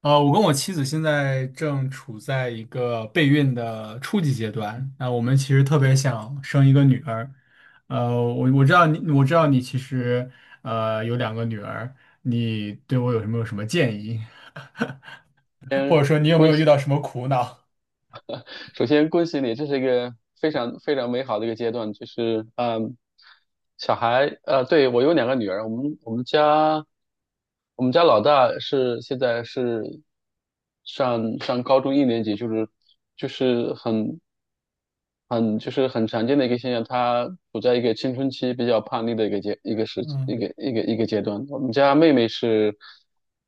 我跟我妻子现在正处在一个备孕的初级阶段。那我们其实特别想生一个女儿。我知道你其实有两个女儿，你对我有什么建议，或者说你有没有遇公到什么苦恼？首先恭喜你，这是一个非常非常美好的一个阶段，就是小孩对，我有两个女儿，我们家老大现在是上高中一年级，就是就是很很就是很常见的一个现象。她处在一个青春期比较叛逆的一个阶一个时一嗯，个一个一个阶段。我们家妹妹是，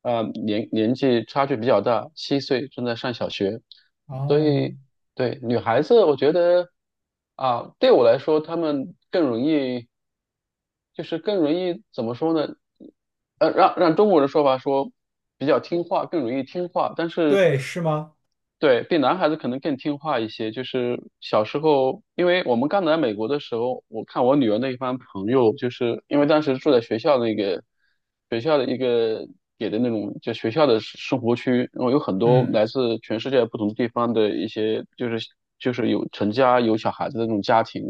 年纪差距比较大，七岁，正在上小学，所哦，以对，女孩子，我觉得啊，对我来说，她们更容易，就是更容易怎么说呢？让中国人说法说比较听话，更容易听话，但是对，是吗？对比男孩子可能更听话一些。就是小时候，因为我们刚来美国的时候，我看我女儿那一帮朋友，就是因为当时住在学校那个学校的一个给的那种就学校的生活区，然后有很多嗯，来自全世界不同地方的一些，就是有成家有小孩子的那种家庭。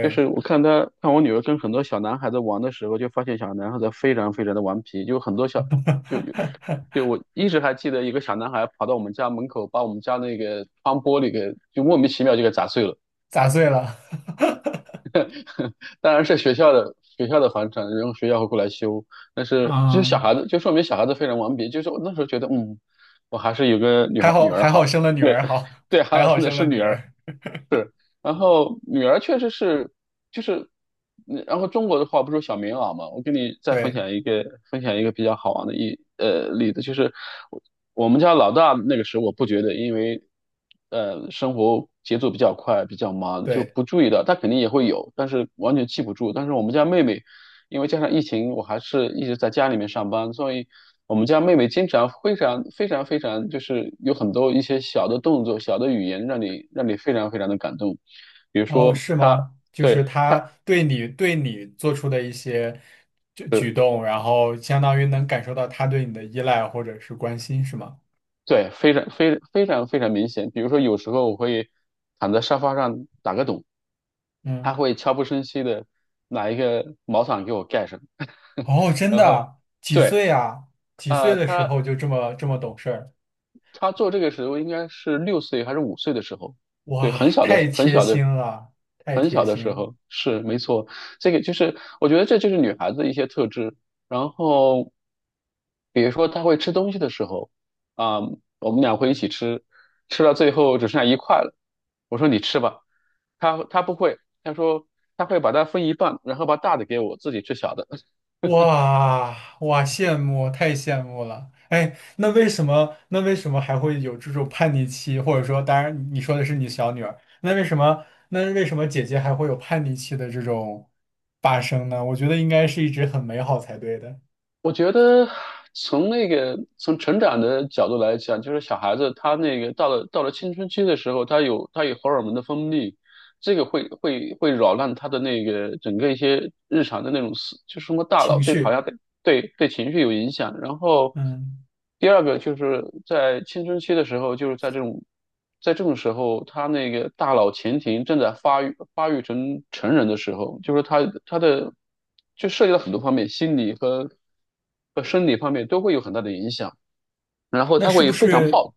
就是我看我女儿跟很多小男孩子玩的时候，就发现小男孩子非常非常的顽皮，就很多小就有就 我一直还记得一个小男孩跑到我们家门口，把我们家那个窗玻璃给就莫名其妙就给砸碎了。砸碎了。当然是学校的房产，然后学校会过来修。但是就是啊，小孩子，就说明小孩子非常顽皮。就是我那时候觉得我还是有个女还孩好女儿还好好。生了女儿，好，对，还还好好真的生是了女女儿，儿。是。然后女儿确实是，就是，然后中国的话不是有小棉袄嘛？我给你再分对享一个，比较好玩的例子。就是我我们家老大那个时候我不觉得，因为生活节奏比较快，比较忙，就对。不注意到，他肯定也会有，但是完全记不住。但是我们家妹妹，因为加上疫情，我还是一直在家里面上班，所以我们家妹妹经常非常非常非常，就是有很多一些小的动作、小的语言，让你非常非常的感动。比如哦，说是她，吗？就是对她，他对你做出的一些举呃，动，然后相当于能感受到他对你的依赖或者是关心，是吗？对，非常明显。比如说有时候我会躺在沙发上打个盹，她嗯，会悄不声息的拿一个毛毯给我盖上。哦，真然后的，几对。岁啊？几啊，岁的时他候就这么懂事儿？他做这个时候应该是六岁还是五岁的时候，对，哇，很小的太很贴小心的了，太很贴小的心时了。候，是，没错。这个就是我觉得这就是女孩子的一些特质。然后比如说她会吃东西的时候，啊、我们俩会一起吃，吃到最后只剩下一块了，我说你吃吧，她不会，她说她会把它分一半，然后把大的给我，自己吃小的。哇哇，羡慕，太羡慕了！哎，那为什么还会有这种叛逆期？或者说，当然你说的是你小女儿，那为什么姐姐还会有叛逆期的这种发生呢？我觉得应该是一直很美好才对的我觉得从那个从成长的角度来讲，就是小孩子他那个到了青春期的时候，他有荷尔蒙的分泌，这个会扰乱他的那个整个一些日常的那种就是什么大脑，情对，好绪。像对，对对情绪有影响。然后嗯，第二个就是在青春期的时候，就是在这种时候，他那个大脑前庭正在发育成人的时候，就是他的就涉及到很多方面，心理和生理方面都会有很大的影响。然后那他是会不非常是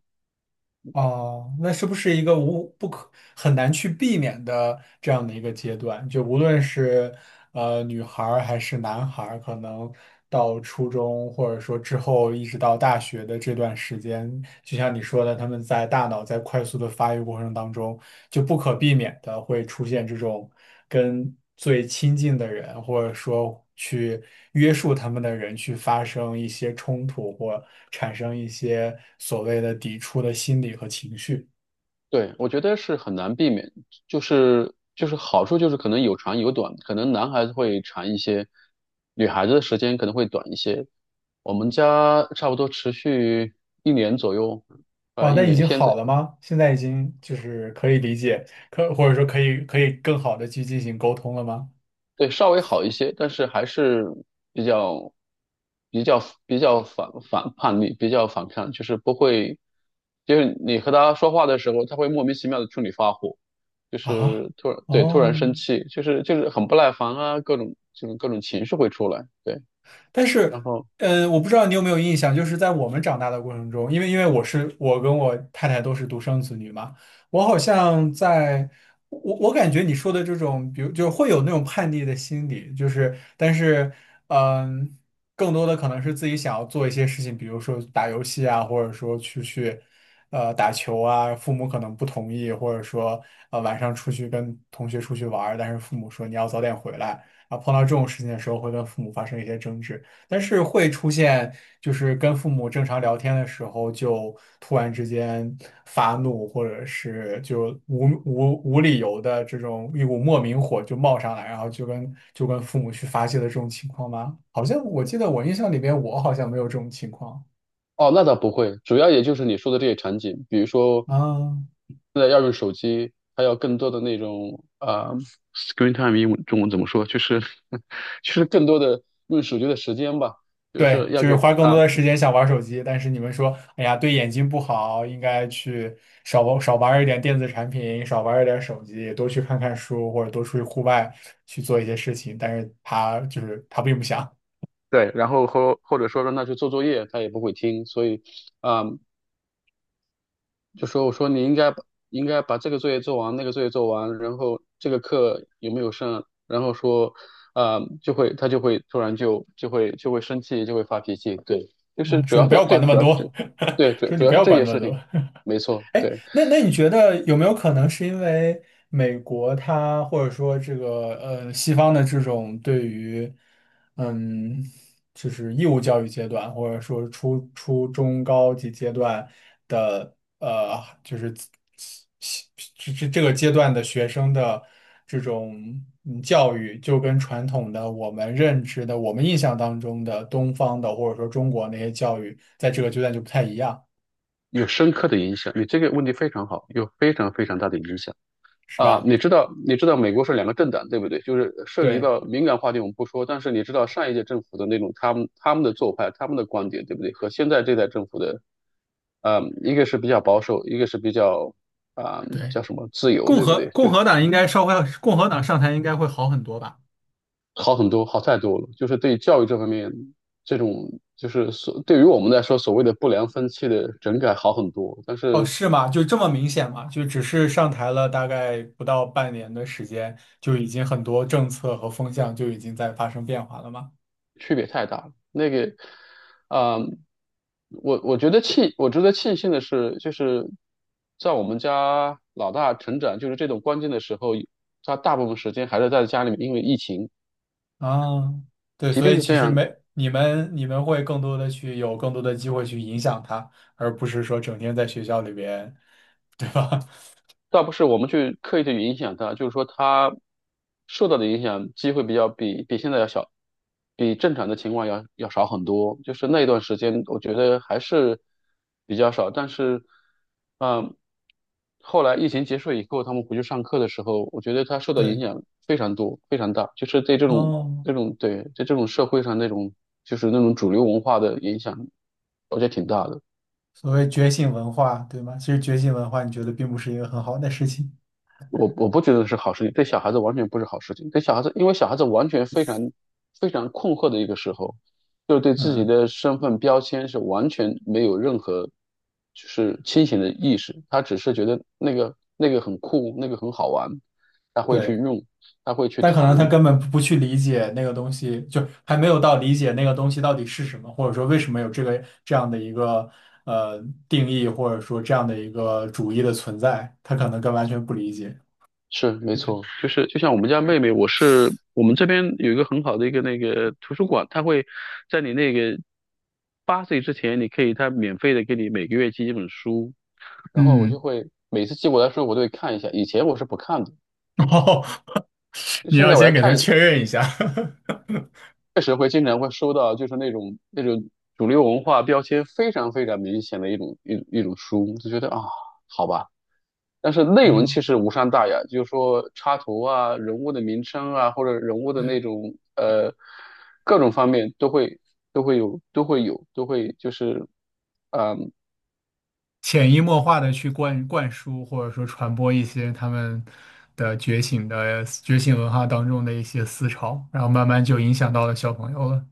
哦？那是不是一个无不可很难去避免的这样的一个阶段？就无论是女孩儿还是男孩儿，可能到初中或者说之后一直到大学的这段时间，就像你说的，他们在大脑在快速的发育过程当中，就不可避免的会出现这种跟最亲近的人，或者说去约束他们的人去发生一些冲突或产生一些所谓的抵触的心理和情绪。对，我觉得是很难避免，就是好处就是可能有长有短，可能男孩子会长一些，女孩子的时间可能会短一些。我们家差不多持续一年左右，哦，一那已年。经现好在了吗？现在已经就是可以理解，或者说可以更好的去进行沟通了吗？对，稍微好一些，但是还是比较、比较、比较叛逆，比较反抗，就是不会。就是你和他说话的时候，他会莫名其妙的冲你发火，就啊，是突然，对，突然生哦。气，就是很不耐烦啊，各种就是各种情绪会出来。对，但然是，后我不知道你有没有印象，就是在我们长大的过程中，因为我是我跟我太太都是独生子女嘛，我好像在，我我感觉你说的这种，比如就会有那种叛逆的心理，就是，但是，嗯、更多的可能是自己想要做一些事情，比如说打游戏啊，或者说出去，打球啊，父母可能不同意，或者说，晚上出去跟同学出去玩儿但是父母说你要早点回来。啊，碰到这种事情的时候，会跟父母发生一些争执。但是会出现，就是跟父母正常聊天的时候，就突然之间发怒，或者是就无理由的这种一股莫名火就冒上来，然后就跟父母去发泄的这种情况吗？好像我记得我印象里边，我好像没有这种情况哦，那倒不会。主要也就是你说的这些场景，比如说啊。现在要用手机，还有更多的那种啊、screen time 英文中文怎么说？就是 就是更多的用手机的时间吧，就对，是要就是给花更多啊。的时间想玩手机，但是你们说，哎呀，对眼睛不好，应该去少玩一点电子产品，少玩一点手机，多去看看书，或者多出去户外去做一些事情。但是他就是他并不想，对，然后或者说让他去做作业，他也不会听，所以啊、就说我说你应该把这个作业做完，那个作业做完，然后这个课有没有上？然后说，啊、就会他就会突然就就会就会生气，就会发脾气。对，就是嗯，主说你要不是，要管对，那么主要是这。多，对，主说你主不要是要这管些那么事情，多。没错。对，那你觉得有没有可能是因为美国它或者说这个西方的这种对于嗯就是义务教育阶段或者说初中高级阶段的就是这个阶段的学生的这种嗯教育，就跟传统的我们认知的我们印象当中的东方的或者说中国那些教育，在这个阶段就不太一样，有深刻的影响。你这个问题非常好，有非常非常大的影响。是啊、吧？你知道美国是两个政党对不对？就是涉及对。到敏感话题我们不说，但是你知道上一届政府的那种他们的做派、他们的观点对不对？和现在这代政府的。一个是比较保守，一个是比较啊、对，叫什么自由，对不对？就共是和党应该稍微共和党上台应该会好很多吧？好很多，好太多了。就是对教育这方面，这种就是对于我们来说所谓的不良风气的整改好很多。但哦，是是吗？就这么明显吗？就只是上台了大概不到半年的时间，就已经很多政策和风向就已经在发生变化了吗？区别太大了。啊、我觉得我值得庆幸的是，就是在我们家老大成长，就是这种关键的时候，他大部分时间还是在家里面，因为疫情，啊，对，即所便以是其这实样，没，你们会更多的去有更多的机会去影响他，而不是说整天在学校里边，对吧？倒不是我们去刻意的去影响他，就是说他受到的影响机会比较比比现在要小，比正常的情况要少很多。就是那一段时间，我觉得还是比较少。但是，嗯，后来疫情结束以后，他们回去上课的时候，我觉得他受 到对，影响非常多，非常大。就是对这种哦，在这种社会上那种主流文化的影响，我觉得挺大的。所谓觉醒文化，对吗？其实觉醒文化，你觉得并不是一个很好的事情。我不觉得是好事情，对小孩子完全不是好事情。对小孩子，因为小孩子完全非常非常困惑的一个时候，就是对自己嗯，的身份标签是完全没有任何就是清醒的意识，他只是觉得那个很酷，那个很好玩，他会去对。用，他会去但可能他谈。根本不去理解那个东西，就还没有到理解那个东西到底是什么，或者说为什么有这个这样的一个呃定义，或者说这样的一个主义的存在，他可能更完全不理解。是，没错。就是就像我们家妹妹，我们这边有一个很好的一个那个图书馆，它会在你那个八岁之前，你可以它免费的给你每个月寄一本书。然后我就嗯，会每次寄过来的时候，我都会看一下。以前我是不看的，哦，你现要在我先要给他看，确认一下。确实会经常会收到，就是那种主流文化标签非常非常明显的一种书，就觉得啊，好吧。但是 内容嗯，其实无伤大雅。就是说插图啊、人物的名称啊，或者人物的那对，种各种方面都会就是，潜移默化的去灌输或者说传播一些他们的觉醒文化当中的一些思潮，然后慢慢就影响到了小朋友了。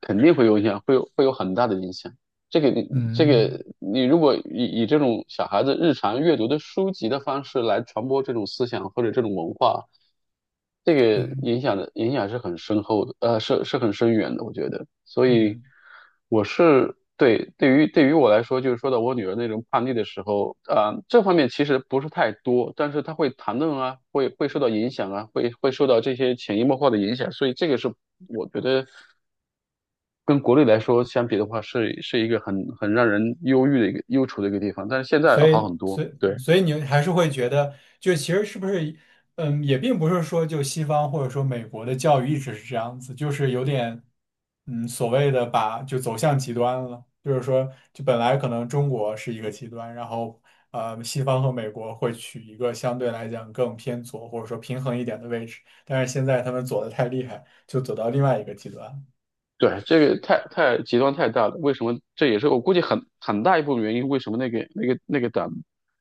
肯定会有影响，会有很大的影响。这个你这嗯，个你如果以这种小孩子日常阅读的书籍的方式来传播这种思想或者这种文化，这个对。影响是很深厚的，是很深远的，我觉得。所以嗯，我是对对于对于我来说，就是说到我女儿那种叛逆的时候，啊、这方面其实不是太多，但是她会谈论啊，会受到影响啊，会受到这些潜移默化的影响，所以这个是我觉得。跟国内来说相比的话，是一个很让人忧郁的一个忧愁的一个地方，但是现在所要好以，很多。所以，对所以你还是会觉得，就其实是不是，嗯，也并不是说就西方或者说美国的教育一直是这样子，就是有点，嗯，所谓的把就走向极端了，就是说，就本来可能中国是一个极端，然后西方和美国会取一个相对来讲更偏左或者说平衡一点的位置，但是现在他们左的太厉害，就走到另外一个极端了。对，这个太极端太大了。为什么？这也是我估计很大一部分原因。为什么那个党，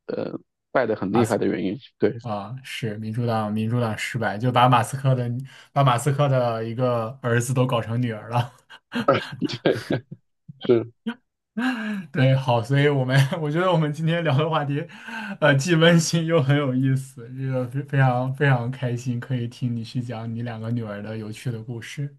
呃，败得很厉害的原因。对。 啊，是民主党，民主党失败，就把马斯克的一个儿子都搞成女儿了。对，是。对，好，所以我们 我觉得我们今天聊的话题，既温馨又很有意思，这个非常非常开心，可以听你去讲你两个女儿的有趣的故事。